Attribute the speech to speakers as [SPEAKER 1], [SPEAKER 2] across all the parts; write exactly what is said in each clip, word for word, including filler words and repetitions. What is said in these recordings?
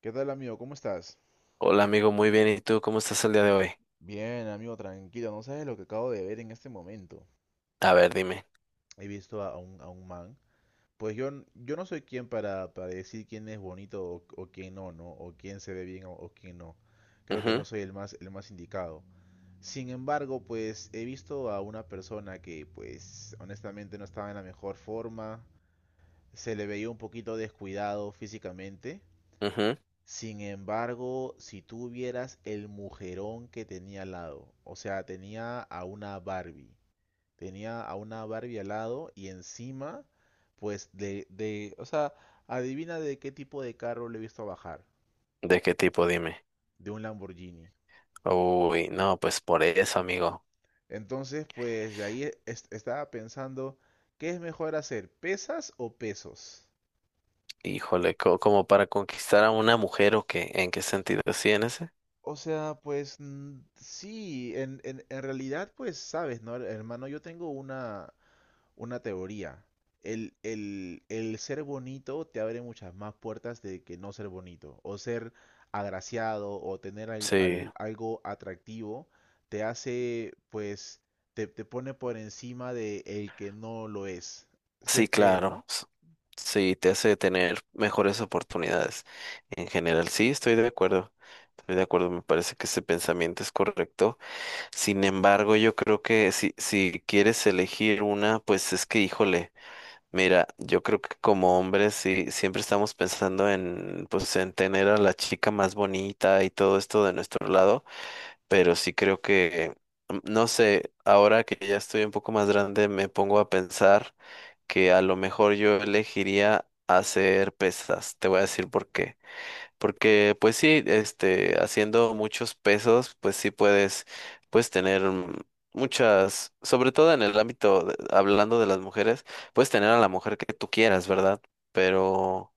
[SPEAKER 1] ¿Qué tal, amigo? ¿Cómo estás?
[SPEAKER 2] Hola amigo, muy bien. ¿Y tú cómo estás el día de hoy?
[SPEAKER 1] Bien, amigo, tranquilo. No sabes lo que acabo de ver en este momento.
[SPEAKER 2] A ver, dime.
[SPEAKER 1] He visto a a un, a un man. Pues yo, n- yo no soy quien para, para decir quién es bonito o, o quién no, ¿no? O quién se ve bien o, o quién no. Creo que
[SPEAKER 2] Ujú,
[SPEAKER 1] no soy el más, el más indicado. Sin embargo, pues he visto a una persona que, pues, honestamente no estaba en la mejor forma. Se le veía un poquito descuidado físicamente.
[SPEAKER 2] ujú.
[SPEAKER 1] Sin embargo, si tú vieras el mujerón que tenía al lado, o sea, tenía a una Barbie, tenía a una Barbie al lado y encima, pues de, de, o sea, adivina de qué tipo de carro le he visto bajar,
[SPEAKER 2] ¿De qué tipo? Dime.
[SPEAKER 1] de un Lamborghini.
[SPEAKER 2] Uy, no, pues por eso, amigo.
[SPEAKER 1] Entonces, pues de ahí es- estaba pensando, ¿qué es mejor hacer, pesas o pesos?
[SPEAKER 2] Híjole, co- como para conquistar a una mujer o qué, ¿en qué sentido? ¿Sí, en ese?
[SPEAKER 1] O sea, pues mm, sí, en, en, en realidad, pues sabes, ¿no? Hermano, yo tengo una, una teoría. El, el, el ser bonito te abre muchas más puertas de que no ser bonito. O ser agraciado o tener al-
[SPEAKER 2] Sí,
[SPEAKER 1] al- algo atractivo te hace, pues, te, te pone por encima de el que no lo es. Si
[SPEAKER 2] sí,
[SPEAKER 1] es que, ¿no?
[SPEAKER 2] claro. S- Sí, te hace tener mejores oportunidades. En general, sí, estoy de acuerdo. Estoy de acuerdo, me parece que ese pensamiento es correcto. Sin embargo, yo creo que si, si quieres elegir una, pues es que, híjole. Mira, yo creo que como hombres sí, siempre estamos pensando en, pues, en tener a la chica más bonita y todo esto de nuestro lado, pero sí creo que, mm, no sé, ahora que ya estoy un poco más grande, me pongo a pensar que a lo mejor yo elegiría hacer pesas. Te voy a decir por qué. Porque pues sí, este, haciendo muchos pesos, pues sí puedes, puedes tener mm, muchas, sobre todo en el ámbito, de- hablando de las mujeres, puedes tener a la mujer que tú quieras, ¿verdad? Pero,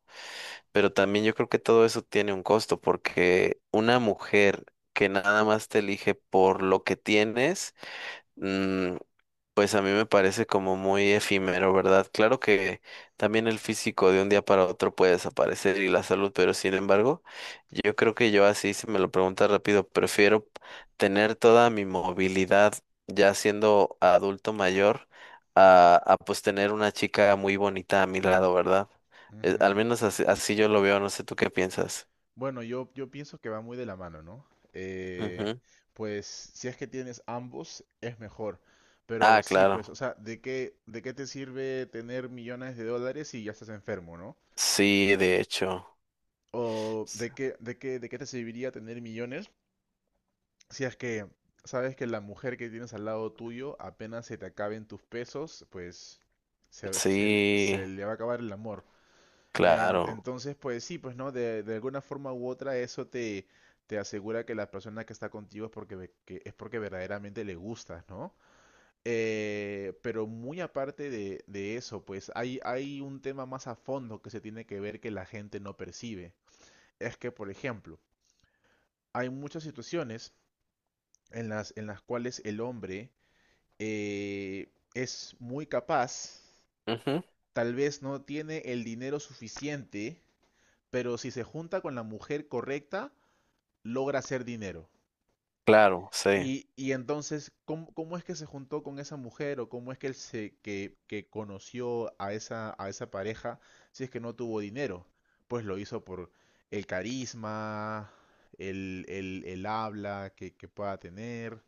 [SPEAKER 2] pero también yo creo que todo eso tiene un costo, porque una mujer que nada más te elige por lo que tienes, mm, pues a mí me parece como muy efímero, ¿verdad? Claro que también el físico de un día para otro puede desaparecer y la salud, pero sin embargo, yo creo que yo así, si me lo preguntas rápido, prefiero tener toda mi movilidad ya siendo adulto mayor a, a pues tener una chica muy bonita a mi lado, ¿verdad? Eh, al
[SPEAKER 1] Ujú.
[SPEAKER 2] menos así, así yo lo veo, no sé tú qué piensas.
[SPEAKER 1] Bueno, yo, yo pienso que va muy de la mano, ¿no? Eh,
[SPEAKER 2] Ujú.
[SPEAKER 1] pues si es que tienes ambos, es mejor. Pero
[SPEAKER 2] Ah,
[SPEAKER 1] sí, pues, o
[SPEAKER 2] claro.
[SPEAKER 1] sea, ¿de qué, de qué, te sirve tener millones de dólares si ya estás enfermo, no?
[SPEAKER 2] Sí, de hecho.
[SPEAKER 1] O
[SPEAKER 2] S-
[SPEAKER 1] de qué, de qué, de qué te serviría tener millones si es que sabes que la mujer que tienes al lado tuyo apenas se te acaben tus pesos, pues se, se le
[SPEAKER 2] Sí,
[SPEAKER 1] se le va a acabar el amor. En-
[SPEAKER 2] claro.
[SPEAKER 1] entonces, pues sí, pues no, de, de alguna forma u otra eso te, te asegura que la persona que está contigo es porque, ve- que es porque verdaderamente le gustas, ¿no? Eh, pero muy aparte de, de eso, pues hay, hay un tema más a fondo que se tiene que ver que la gente no percibe. Es que, por ejemplo, hay muchas situaciones en las, en las cuales el hombre eh, es muy capaz,
[SPEAKER 2] Ujú.
[SPEAKER 1] tal vez no tiene el dinero suficiente, pero si se junta con la mujer correcta, logra hacer dinero
[SPEAKER 2] Claro, sí.
[SPEAKER 1] y, y entonces, ¿cómo, cómo es que se juntó con esa mujer o cómo es que él se que, que conoció a esa, a esa pareja si es que no tuvo dinero? Pues lo hizo por el carisma, el, el, el habla que, que pueda tener,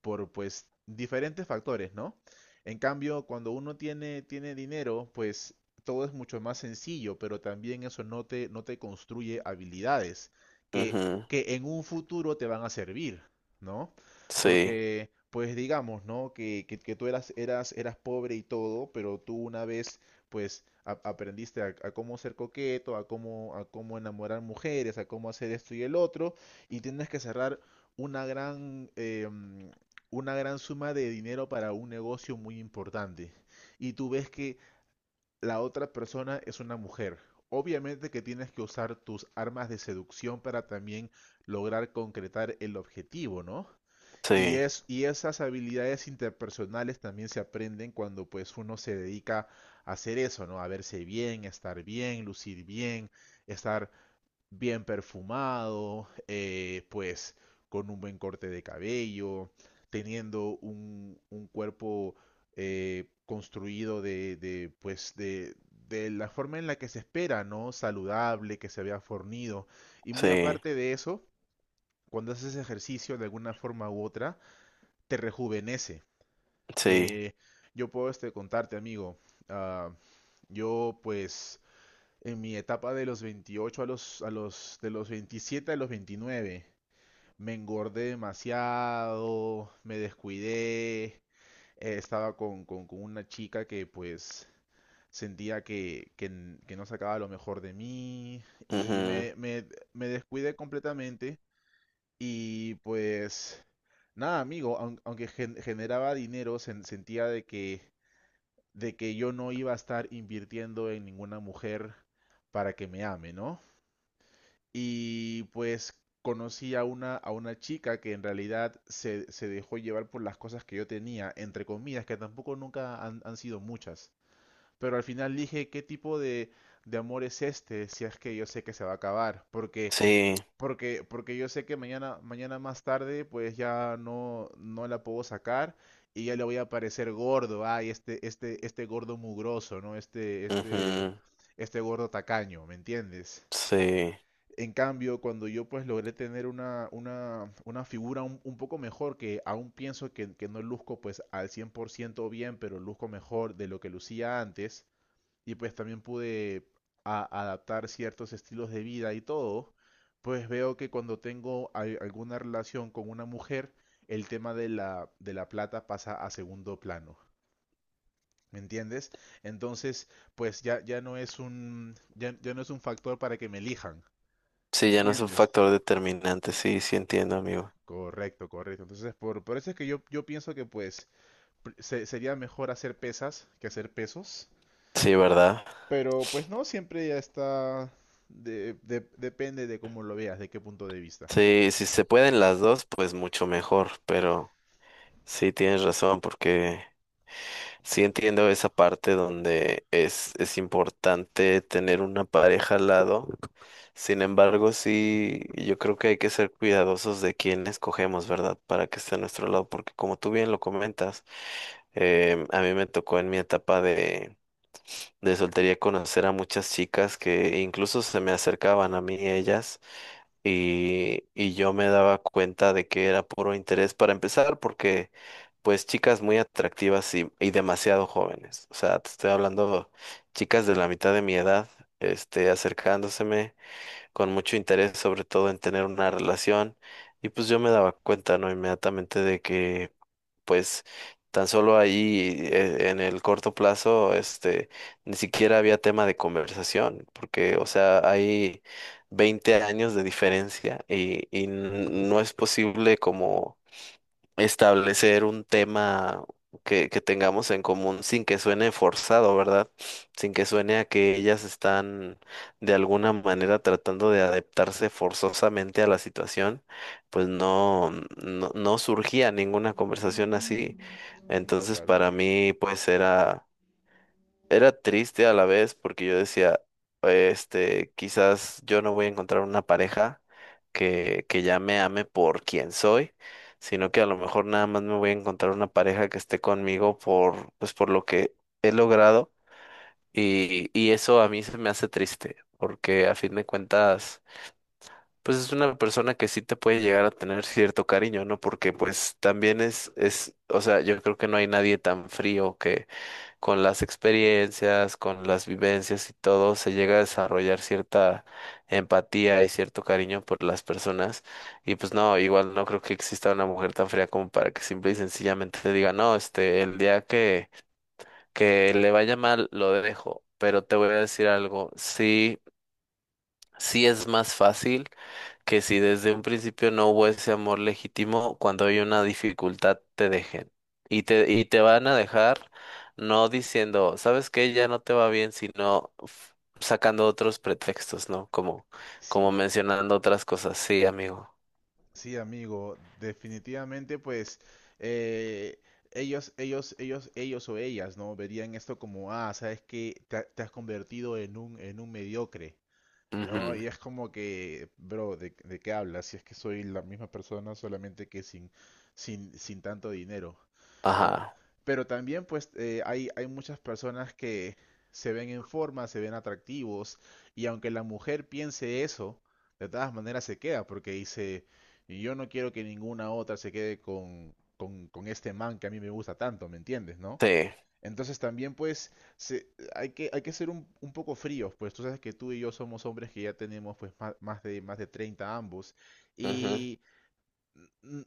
[SPEAKER 1] por pues diferentes factores, ¿no? En cambio, cuando uno tiene, tiene, dinero, pues todo es mucho más sencillo, pero también eso no te, no te construye habilidades que,
[SPEAKER 2] Ujú,
[SPEAKER 1] que en un futuro te van a servir, ¿no?
[SPEAKER 2] sí,
[SPEAKER 1] Porque, pues digamos, ¿no? Que, que, que tú eras, eras, eras pobre y todo, pero tú una vez, pues, a- aprendiste a, a cómo ser coqueto, a cómo, a cómo enamorar mujeres, a cómo hacer esto y el otro, y tienes que cerrar una gran, eh, mm, una gran suma de dinero para un negocio muy importante. Y tú ves que la otra persona es una mujer. Obviamente que tienes que usar tus armas de seducción para también lograr concretar el objetivo, ¿no? Y,
[SPEAKER 2] sí,
[SPEAKER 1] es, y esas habilidades interpersonales también se aprenden cuando pues uno se dedica a hacer eso, ¿no? A verse bien, estar bien, lucir bien, estar bien perfumado, eh, pues con un buen corte de cabello, teniendo un, un cuerpo eh, construido de, de, pues de, de la forma en la que se espera, ¿no? Saludable, que se vea fornido. Y muy
[SPEAKER 2] sí,
[SPEAKER 1] aparte de eso, cuando haces ejercicio de alguna forma u otra, te rejuvenece.
[SPEAKER 2] sí.
[SPEAKER 1] Eh, yo puedo este, contarte, amigo. ah, yo, pues, en mi etapa de los veintiocho a los, a los, de los veintisiete a los veintinueve, me engordé demasiado, me descuidé. Eh, estaba con, con, con una chica que, pues, sentía que, que, n- que no sacaba lo mejor de mí y
[SPEAKER 2] Ujú,
[SPEAKER 1] me, me, me descuidé completamente. Y pues, nada, amigo, aun- aunque gen- generaba dinero, sen- sentía de que, de que, yo no iba a estar invirtiendo en ninguna mujer para que me ame, ¿no? Y pues conocí a una, a una chica que en realidad se, se dejó llevar por las cosas que yo tenía, entre comillas, que tampoco nunca han, han sido muchas. Pero al final dije, ¿qué tipo de, de amor es este si es que yo sé que se va a acabar? Porque
[SPEAKER 2] sí,
[SPEAKER 1] porque, porque yo sé que mañana, mañana más tarde, pues ya no, no la puedo sacar y ya le voy a parecer gordo. Ay, este, este, este gordo mugroso, ¿no? Este, este,
[SPEAKER 2] ujú,
[SPEAKER 1] este gordo tacaño, ¿me entiendes?
[SPEAKER 2] sí.
[SPEAKER 1] En cambio, cuando yo pues logré tener una, una, una figura un, un poco mejor, que aún pienso que, que no luzco pues al cien por ciento bien, pero luzco mejor de lo que lucía antes, y pues también pude a- adaptar ciertos estilos de vida y todo, pues veo que cuando tengo al- alguna relación con una mujer, el tema de la, de la, plata pasa a segundo plano. ¿Me entiendes? Entonces, pues ya, ya no es un, ya, ya no es un factor para que me elijan. ¿Me
[SPEAKER 2] Sí, ya no es un
[SPEAKER 1] entiendes?
[SPEAKER 2] factor determinante. Sí, sí entiendo, amigo.
[SPEAKER 1] Correcto, correcto. Entonces, por, por, eso es que yo, yo pienso que pues pr- se- sería mejor hacer pesas que hacer pesos.
[SPEAKER 2] Sí, ¿verdad?
[SPEAKER 1] Pero pues no, siempre ya está, de- de- depende de cómo lo veas, de qué punto de vista.
[SPEAKER 2] Sí, si se pueden las dos, pues mucho mejor. Pero sí tienes razón, porque sí entiendo esa parte donde es, es importante tener una pareja al lado. Sin embargo, sí, yo creo que hay que ser cuidadosos de quién escogemos, ¿verdad? Para que esté a nuestro lado, porque como tú bien lo comentas, em, a mí me tocó en mi etapa de, de soltería conocer a muchas chicas que incluso se me acercaban a mí ellas y, y yo me daba cuenta de que era puro interés para empezar porque pues chicas muy atractivas y, y demasiado jóvenes. O sea, te estoy hablando chicas de la mitad de mi edad, este, acercándoseme con mucho interés sobre todo en tener una relación y pues yo me daba cuenta, ¿no? Inmediatamente de que pues tan solo ahí eh, en el corto plazo, este, ni siquiera había tema de conversación, porque, o sea, hay veinte años de diferencia y, y n- no es posible como establecer un tema que, que tengamos en común sin que suene forzado, ¿verdad? Sin que suene a que ellas están de alguna manera tratando de adaptarse forzosamente a la situación, pues no, no, no surgía ninguna conversación así. Entonces,
[SPEAKER 1] Claro.
[SPEAKER 2] para mí, pues era era triste a la vez porque yo decía, este, quizás yo no voy a encontrar una pareja que, que ya me ame por quien soy, sino que a lo mejor nada más me voy a encontrar una pareja que esté conmigo por, pues, por lo que he logrado y, y eso a mí se me hace triste porque a fin de cuentas pues es una persona que sí te puede llegar a tener cierto cariño, ¿no? Porque pues también es, es, o sea, yo creo que no hay nadie tan frío que con las experiencias, con las vivencias y todo, se llega a desarrollar cierta empatía y cierto cariño por las personas. Y pues no, igual no creo que exista una mujer tan fría como para que simple y sencillamente te diga, no, este, el día que, que le vaya mal, lo dejo. Pero te voy a decir algo, sí, sí es más fácil que si desde un principio no hubo ese amor legítimo, cuando hay una dificultad te dejen. Y te, y te van a dejar no diciendo, ¿sabes qué? Ya no te va bien, sino f- sacando otros pretextos, ¿no? Como,
[SPEAKER 1] Sí,
[SPEAKER 2] como mencionando otras cosas. Sí, amigo.
[SPEAKER 1] sí, amigo, definitivamente pues eh, ellos, ellos, ellos, ellos o ellas, ¿no? Verían esto como, ah, sabes que te, ha- te has convertido en un, en un mediocre. No,
[SPEAKER 2] Ujú.
[SPEAKER 1] y es como que, bro, ¿de, de qué hablas? Si es que soy la misma persona, solamente que sin, sin, sin tanto dinero, ¿no?
[SPEAKER 2] Ajá.
[SPEAKER 1] Pero también, pues, eh, hay, hay muchas personas que se ven en forma, se ven atractivos, y aunque la mujer piense eso, de todas maneras se queda, porque dice, yo no quiero que ninguna otra se quede con, con, con este man que a mí me gusta tanto, ¿me entiendes, no?
[SPEAKER 2] Sí.
[SPEAKER 1] Entonces también pues se- hay que, hay que, ser un, un poco fríos, pues tú sabes que tú y yo somos hombres que ya tenemos pues ma- más, de, más de treinta ambos
[SPEAKER 2] Ujú.
[SPEAKER 1] y mm,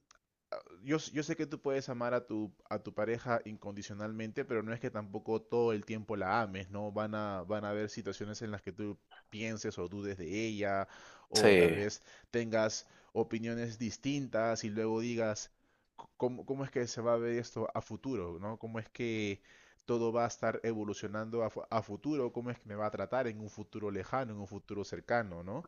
[SPEAKER 1] yo, yo, sé que tú puedes amar a tu, a tu pareja incondicionalmente, pero no es que tampoco todo el tiempo la ames, ¿no? Van a, van a haber situaciones en las que tú pienses o dudes de ella, o tal
[SPEAKER 2] Sí.
[SPEAKER 1] vez tengas opiniones distintas y luego digas, "C- ¿cómo, cómo es que se va a ver esto a futuro, ¿no? ¿Cómo es que todo va a estar evolucionando a, fu- a futuro? ¿Cómo es que me va a tratar en un futuro lejano, en un futuro cercano, ¿no?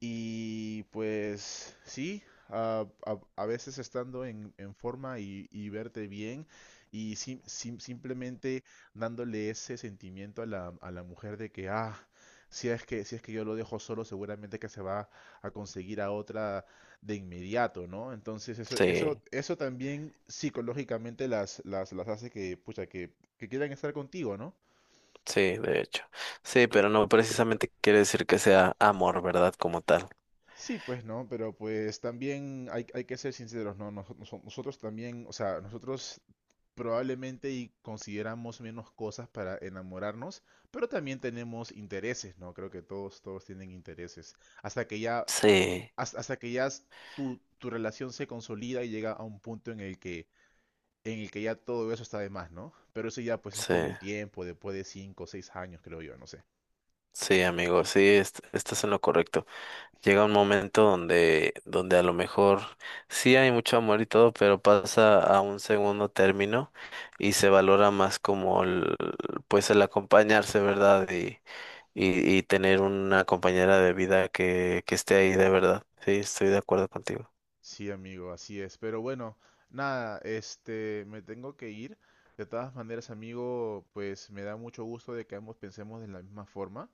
[SPEAKER 1] Y pues sí, a, a- a veces estando en, en forma y, y verte bien y sim- sim- simplemente dándole ese sentimiento a la, a la, mujer de que, ah, si es que, si es que yo lo dejo solo, seguramente que se va a conseguir a otra de inmediato, ¿no? Entonces eso, eso,
[SPEAKER 2] Sí.
[SPEAKER 1] eso también psicológicamente las, las, las hace que, pucha, que, que quieran estar contigo, ¿no?
[SPEAKER 2] Sí, de hecho. Sí, pero no precisamente quiere decir que sea amor, ¿verdad? Como tal.
[SPEAKER 1] Sí, pues no, pero pues también hay, hay que ser sinceros, ¿no? Noso- noso- nosotros también, o sea, nosotros probablemente y consideramos menos cosas para enamorarnos, pero también tenemos intereses, ¿no? Creo que todos, todos tienen intereses. Hasta que ya,
[SPEAKER 2] Sí.
[SPEAKER 1] has- hasta que ya s- tu, tu relación se consolida y llega a un punto en el que, en el que ya todo eso está de más, ¿no? Pero eso ya pues es
[SPEAKER 2] Sí.
[SPEAKER 1] con el tiempo, después de cinco o seis años, creo yo, no sé.
[SPEAKER 2] Sí, amigo, sí, est- estás en lo correcto. Llega un momento donde, donde a lo mejor sí hay mucho amor y todo, pero pasa a un segundo término y se valora más como el, pues el acompañarse, ¿verdad? Y, y, y tener una compañera de vida que, que esté ahí de verdad. Sí, estoy de acuerdo contigo.
[SPEAKER 1] Sí, amigo, así es. Pero bueno, nada, este, me tengo que ir. De todas maneras, amigo, pues me da mucho gusto de que ambos pensemos de la misma forma.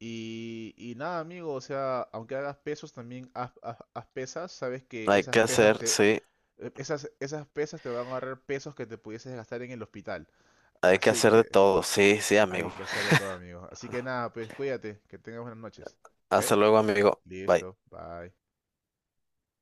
[SPEAKER 1] Y, y nada, amigo, o sea, aunque hagas pesos, también haz, haz- haz pesas. Sabes que
[SPEAKER 2] Hay que
[SPEAKER 1] esas pesas
[SPEAKER 2] hacer,
[SPEAKER 1] te,
[SPEAKER 2] sí,
[SPEAKER 1] eh, esas, esas pesas te van a ahorrar pesos que te pudieses gastar en el hospital.
[SPEAKER 2] hay que
[SPEAKER 1] Así
[SPEAKER 2] hacer de
[SPEAKER 1] que
[SPEAKER 2] todo. Sí, sí,
[SPEAKER 1] hay
[SPEAKER 2] amigo.
[SPEAKER 1] que hacer de todo, amigo. Así que nada, pues cuídate, que tengas buenas noches. ¿Ok?
[SPEAKER 2] Hasta luego, amigo. Bye.
[SPEAKER 1] Listo, bye.